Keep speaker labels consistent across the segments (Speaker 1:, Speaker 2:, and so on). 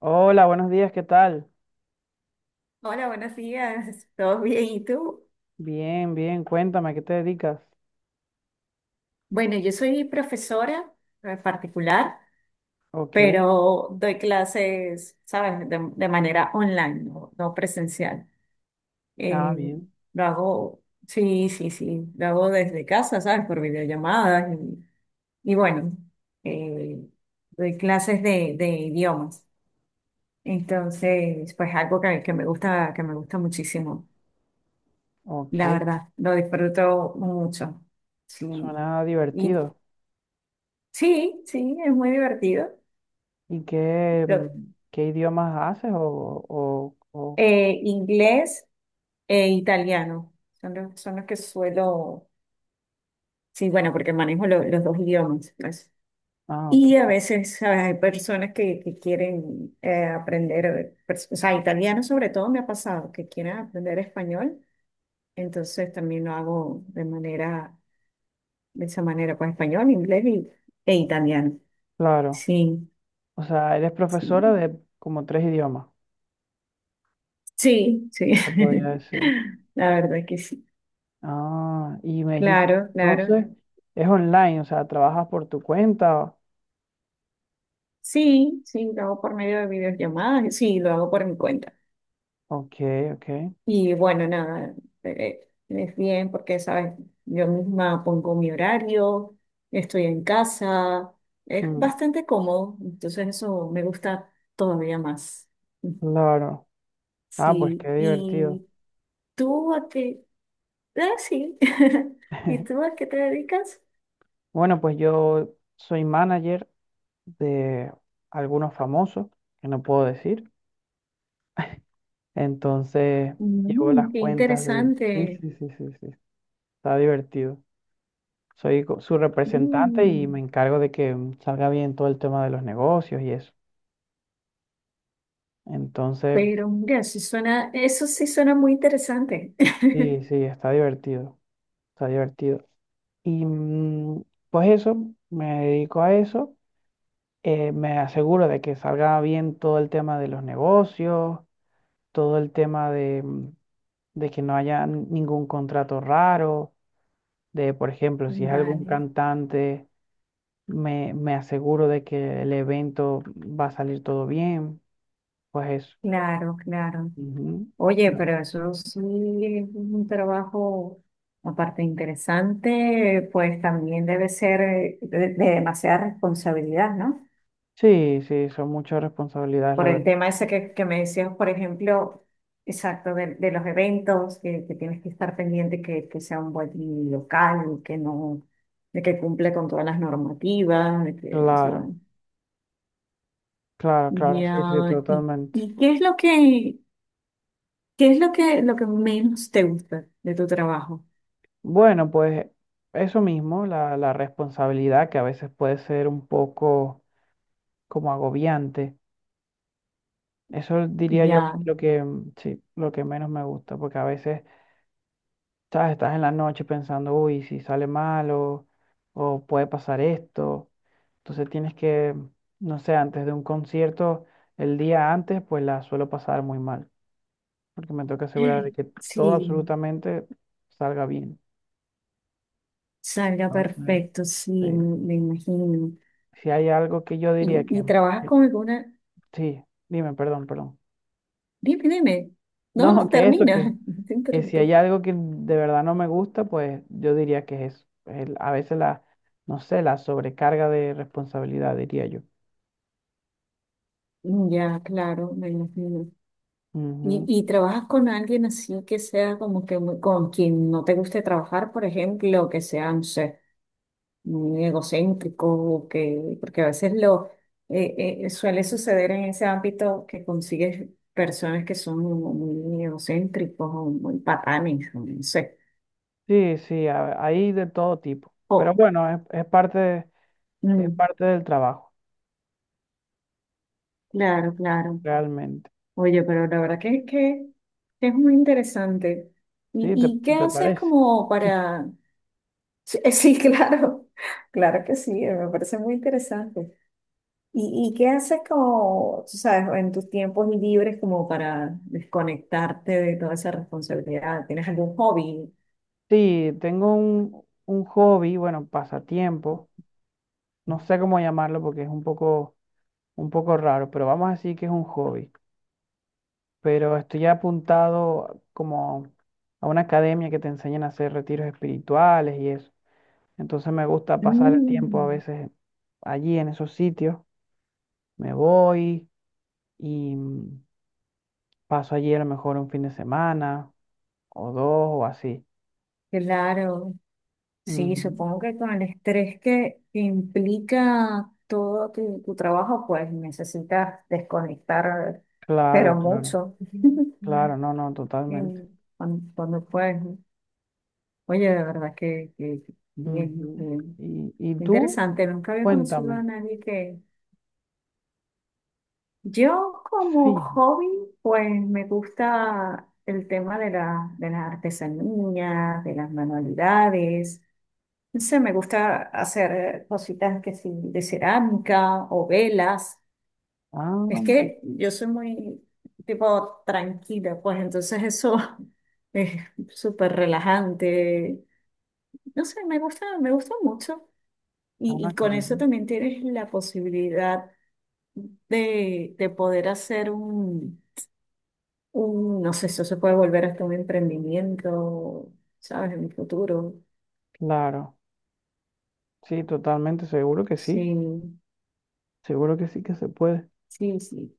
Speaker 1: Hola, buenos días, ¿qué tal?
Speaker 2: Hola, buenos días. ¿Todo bien? ¿Y tú?
Speaker 1: Bien, bien, cuéntame, ¿a qué te dedicas?
Speaker 2: Bueno, yo soy profesora particular,
Speaker 1: Ok,
Speaker 2: pero doy clases, ¿sabes? De manera online, no presencial.
Speaker 1: ah,
Speaker 2: Eh,
Speaker 1: bien,
Speaker 2: lo hago, sí, sí, sí, lo hago desde casa, ¿sabes? Por videollamadas. Y bueno, eh, doy clases de idiomas. Entonces, pues algo que me gusta, que me gusta muchísimo,
Speaker 1: ok,
Speaker 2: la verdad, lo disfruto mucho. Sí.
Speaker 1: suena
Speaker 2: ¿Y
Speaker 1: divertido.
Speaker 2: Sí, sí, es muy divertido.
Speaker 1: ¿Y qué,
Speaker 2: Lo-
Speaker 1: qué idiomas haces?
Speaker 2: inglés e italiano son los que suelo, sí, bueno, porque manejo los dos idiomas, pues.
Speaker 1: Ah, ok,
Speaker 2: Y a veces, ¿sabes?, hay personas que quieren aprender, o sea, italiano sobre todo me ha pasado, que quieren aprender español, entonces también lo hago de manera, de esa manera, pues español, inglés y, e italiano.
Speaker 1: claro.
Speaker 2: Sí,
Speaker 1: O sea, eres profesora
Speaker 2: sí,
Speaker 1: de como tres idiomas,
Speaker 2: sí, sí.
Speaker 1: se podría decir.
Speaker 2: La verdad que sí.
Speaker 1: Ah, y me dijiste,
Speaker 2: Claro, claro.
Speaker 1: entonces, es online, o sea, trabajas por tu cuenta.
Speaker 2: Sí, sí, lo hago por medio de videollamadas, y sí, lo hago por mi cuenta.
Speaker 1: Ok, ok,
Speaker 2: Y bueno, nada, eh, es bien porque, sabes, yo misma pongo mi horario, estoy en casa, es
Speaker 1: mm,
Speaker 2: bastante cómodo, entonces eso me gusta todavía más.
Speaker 1: claro. Ah, pues qué
Speaker 2: Sí,
Speaker 1: divertido.
Speaker 2: ¿y tú a qué? Ah, sí. ¿Y tú a qué te dedicas?
Speaker 1: Bueno, pues yo soy manager de algunos famosos, que no puedo decir. Entonces, llevo
Speaker 2: Mm,
Speaker 1: las
Speaker 2: qué
Speaker 1: cuentas de... Sí,
Speaker 2: interesante.
Speaker 1: sí, sí, sí, sí. Está divertido. Soy su representante y me
Speaker 2: Mm.
Speaker 1: encargo de que salga bien todo el tema de los negocios y eso. Entonces,
Speaker 2: Pero mira, sí suena, eso sí suena muy interesante.
Speaker 1: sí, sí, está divertido. Está divertido. Y pues eso, me dedico a eso. Me aseguro de que salga bien todo el tema de los negocios, todo el tema de, de que no haya ningún contrato raro, de, por ejemplo, si es algún
Speaker 2: Vale,
Speaker 1: cantante, me aseguro de que el evento va a salir todo bien, pues eso.
Speaker 2: claro, claro.
Speaker 1: Ujú.
Speaker 2: Oye,
Speaker 1: Ya.
Speaker 2: pero eso sí es un trabajo, aparte interesante, pues también debe ser de demasiada responsabilidad, ¿no?
Speaker 1: Sí, sí, son muchas responsabilidades, la
Speaker 2: Por el
Speaker 1: verdad.
Speaker 2: tema ese que me decías, por ejemplo, exacto, de los eventos, que tienes que estar pendiente que sea un buen local, que no, de que cumple con todas las normativas, de que, ¿sabes?
Speaker 1: Claro, claro, claro, sí,
Speaker 2: Ya,
Speaker 1: sí,
Speaker 2: ¿Y,
Speaker 1: totalmente.
Speaker 2: y qué es lo que, qué es lo que menos te gusta de tu trabajo?
Speaker 1: Bueno, pues eso mismo, la responsabilidad que a veces puede ser un poco como agobiante. Eso diría yo que es
Speaker 2: Ya,
Speaker 1: lo que, sí, lo que menos me gusta, porque a veces, ¿sabes? Estás en la noche pensando, uy, si sale mal o puede pasar esto. Entonces tienes que, no sé, antes de un concierto, el día antes, pues la suelo pasar muy mal, porque me tengo que asegurar de que todo
Speaker 2: sí,
Speaker 1: absolutamente salga bien.
Speaker 2: salga
Speaker 1: Entonces,
Speaker 2: perfecto,
Speaker 1: sí,
Speaker 2: sí, me imagino.
Speaker 1: si hay algo que yo diría que,
Speaker 2: Y trabajas
Speaker 1: que-
Speaker 2: con alguna,
Speaker 1: sí, dime, perdón, perdón.
Speaker 2: dime, dime, no,
Speaker 1: No,
Speaker 2: no
Speaker 1: que eso,
Speaker 2: termina, te
Speaker 1: que si hay
Speaker 2: interrumpí.
Speaker 1: algo que de verdad no me gusta, pues yo diría que es eso. El- a veces no sé, la sobrecarga de responsabilidad, diría yo.
Speaker 2: Ya, claro, me imagino.
Speaker 1: Ujú.
Speaker 2: Y trabajas con alguien así que sea como que muy- con quien no te guste trabajar, por ejemplo, que sea, no sé. Muy egocéntrico, que, porque a veces lo suele suceder en ese ámbito que consigues personas que son muy egocéntricos o muy patanes, o no sé.
Speaker 1: Sí, sí, a- hay de todo tipo. Pero
Speaker 2: O,
Speaker 1: bueno, es, es
Speaker 2: mm,
Speaker 1: parte del trabajo,
Speaker 2: claro, claro.
Speaker 1: realmente.
Speaker 2: Oye, pero la verdad que es muy interesante. ¿Y,
Speaker 1: ¿Sí? ¿Te,
Speaker 2: y qué
Speaker 1: te
Speaker 2: haces
Speaker 1: parece?
Speaker 2: como para...? Sí, sí, claro, claro que sí, me parece muy interesante. Y qué haces como, tú sabes, en tus tiempos libres como para desconectarte de toda esa responsabilidad? ¿Tienes algún hobby?
Speaker 1: Sí, tengo un hobby, bueno, pasatiempo. No sé cómo llamarlo porque es un poco raro, pero vamos a decir que es un hobby. Pero estoy apuntado como a una academia que te enseñan a hacer retiros espirituales y eso. Entonces me gusta pasar el tiempo a
Speaker 2: Mm,
Speaker 1: veces allí en esos sitios. Me voy y paso allí a lo mejor un fin de semana o dos o así.
Speaker 2: claro, sí,
Speaker 1: Ujú.
Speaker 2: supongo que con el estrés que implica todo tu, tu trabajo, pues necesitas desconectar, pero
Speaker 1: Claro, claro,
Speaker 2: mucho.
Speaker 1: claro, no, no, totalmente.
Speaker 2: En- Cuando, cuando puedes, ¿no? Oye, de verdad que bien,
Speaker 1: Ujú.
Speaker 2: bien.
Speaker 1: Y tú,
Speaker 2: Interesante, nunca había conocido a
Speaker 1: cuéntame.
Speaker 2: nadie que Yo como
Speaker 1: Sí.
Speaker 2: hobby, pues me gusta el tema de la, de las artesanías, de las manualidades. No sé, me gusta hacer cositas que sí, de cerámica o velas.
Speaker 1: Ah,
Speaker 2: Es que yo soy muy tipo tranquila, pues entonces eso es súper relajante. No sé, me gusta mucho. Y
Speaker 1: ah, qué
Speaker 2: con eso
Speaker 1: bien.
Speaker 2: también tienes la posibilidad de poder hacer un Mm, no sé, eso se puede volver hasta un emprendimiento, ¿sabes? En mi futuro.
Speaker 1: Claro, sí, totalmente,
Speaker 2: Sí,
Speaker 1: seguro que sí que se puede.
Speaker 2: sí, sí.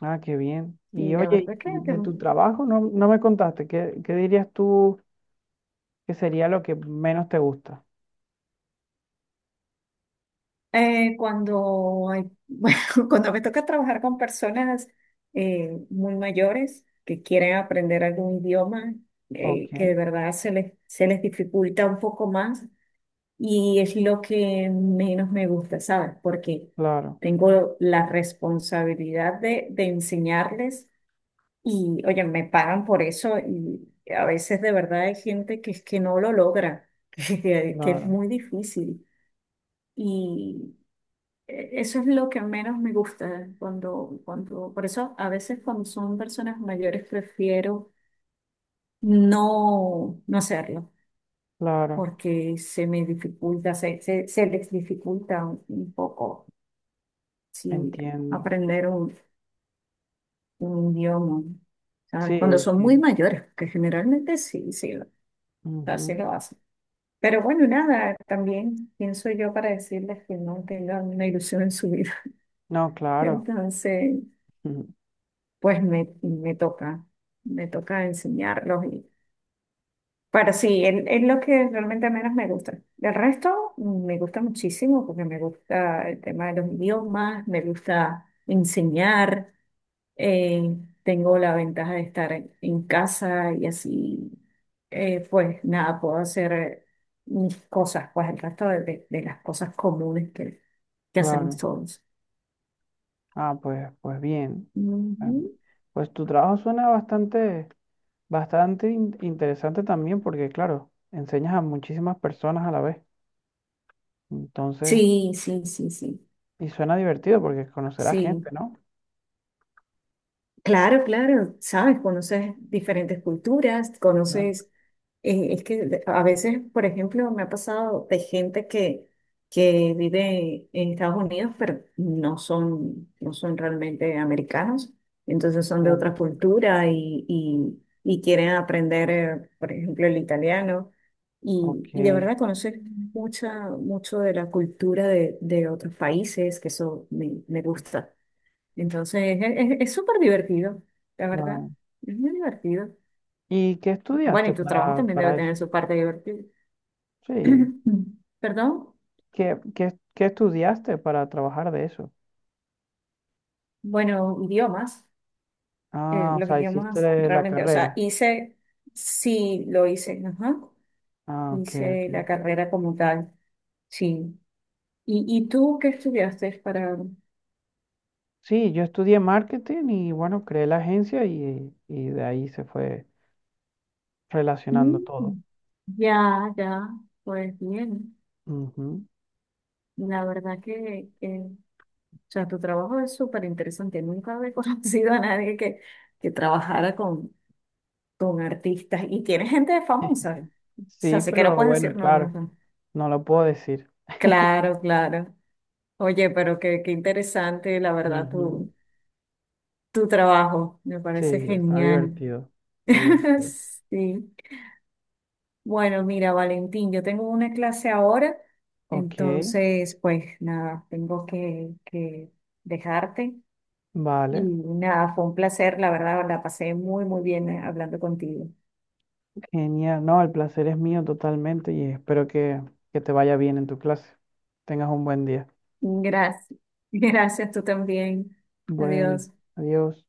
Speaker 1: Ah, qué bien. Y
Speaker 2: Y la
Speaker 1: oye,
Speaker 2: verdad que,
Speaker 1: de tu trabajo no, no me contaste, ¿qué, qué dirías tú que sería lo que menos te gusta?
Speaker 2: cuando hay, bueno, cuando me toca trabajar con personas muy mayores que quieren aprender algún idioma,
Speaker 1: Ok,
Speaker 2: que de verdad se les dificulta un poco más y es lo que menos me gusta, ¿sabes? Porque
Speaker 1: claro,
Speaker 2: tengo la responsabilidad de enseñarles. Y oye, me pagan por eso y a veces de verdad hay gente que es que no lo logra, que es
Speaker 1: claro,
Speaker 2: muy difícil. Y eso es lo que menos me gusta cuando, cuando, por eso a veces cuando son personas mayores prefiero no, no hacerlo,
Speaker 1: claro,
Speaker 2: porque se me dificulta, se les dificulta un poco sí,
Speaker 1: entiendo.
Speaker 2: aprender un idioma, ¿sabes? Cuando
Speaker 1: Sí,
Speaker 2: son muy
Speaker 1: sí.
Speaker 2: mayores, que generalmente sí, sí,
Speaker 1: Ujú.
Speaker 2: sí lo hacen. Pero bueno, nada, también pienso yo para decirles que no tengan una ilusión en su vida.
Speaker 1: No, claro,
Speaker 2: Entonces,
Speaker 1: ujú,
Speaker 2: pues me, me toca enseñarlos. Y, pero sí, es lo que realmente menos me gusta. El resto mm, me gusta muchísimo porque me gusta el tema de los idiomas, me gusta enseñar. Eh, tengo la ventaja de estar en casa y así, pues nada, puedo hacer mis cosas, pues el resto de, de las cosas comunes que hacemos
Speaker 1: claro.
Speaker 2: todos.
Speaker 1: Ah, pues, pues bien. Em,
Speaker 2: Ujú.
Speaker 1: Pues tu trabajo suena bastante, bastante interesante también, porque claro, enseñas a muchísimas personas a la vez. Entonces,
Speaker 2: Sí, sí, sí, sí,
Speaker 1: y suena divertido porque conocerás gente,
Speaker 2: sí.
Speaker 1: ¿no?
Speaker 2: Claro, claro, sabes, conoces diferentes culturas,
Speaker 1: Claro,
Speaker 2: conoces, es que a veces, por ejemplo, me ha pasado de gente que vive en Estados Unidos, pero no son, no son realmente americanos, entonces son de
Speaker 1: claro.
Speaker 2: otra cultura y quieren aprender, por ejemplo, el italiano,
Speaker 1: Ok,
Speaker 2: y de verdad conocer mucha, mucho de la cultura de otros países, que eso me, me gusta. Entonces, es súper divertido, la verdad.
Speaker 1: claro.
Speaker 2: Es muy divertido.
Speaker 1: ¿Y qué
Speaker 2: Bueno,
Speaker 1: estudiaste
Speaker 2: y tu trabajo también debe
Speaker 1: para eso?
Speaker 2: tener su parte divertida.
Speaker 1: Sí.
Speaker 2: Perdón.
Speaker 1: ¿Qué, qué, qué estudiaste para trabajar de eso?
Speaker 2: Bueno, idiomas.
Speaker 1: Ah, o
Speaker 2: Los
Speaker 1: sea, hiciste
Speaker 2: idiomas
Speaker 1: la
Speaker 2: realmente, o sea,
Speaker 1: carrera.
Speaker 2: hice, sí, lo hice, ajá.
Speaker 1: Ah, ok,
Speaker 2: Hice la
Speaker 1: ok.
Speaker 2: carrera como tal, sí. Y tú qué estudiaste para...?
Speaker 1: Sí, yo estudié marketing y bueno, creé la agencia y de ahí se fue relacionando todo.
Speaker 2: Mm, ya, ya, pues bien.
Speaker 1: Ujú.
Speaker 2: La verdad que O sea, tu trabajo es súper interesante. Nunca había conocido a nadie que, que trabajara con artistas. Y tiene gente famosa. O sea,
Speaker 1: Sí,
Speaker 2: sé que no
Speaker 1: pero
Speaker 2: puedes
Speaker 1: bueno,
Speaker 2: decir nombres,
Speaker 1: claro,
Speaker 2: ¿no?
Speaker 1: no lo puedo decir.
Speaker 2: Claro, claro. Oye, pero qué, qué interesante, la verdad,
Speaker 1: Ujú.
Speaker 2: tu trabajo. Me
Speaker 1: Sí,
Speaker 2: parece
Speaker 1: está
Speaker 2: genial.
Speaker 1: divertido. Está divertido.
Speaker 2: Sí. Bueno, mira, Valentín, yo tengo una clase ahora.
Speaker 1: Ok,
Speaker 2: Entonces, pues nada, tengo que dejarte. Y
Speaker 1: vale.
Speaker 2: nada, fue un placer, la verdad, la pasé muy, muy bien hablando contigo.
Speaker 1: Genial. No, el placer es mío totalmente y espero que te vaya bien en tu clase. Tengas un buen día.
Speaker 2: Gracias. Gracias, tú también.
Speaker 1: Bueno,
Speaker 2: Adiós.
Speaker 1: adiós.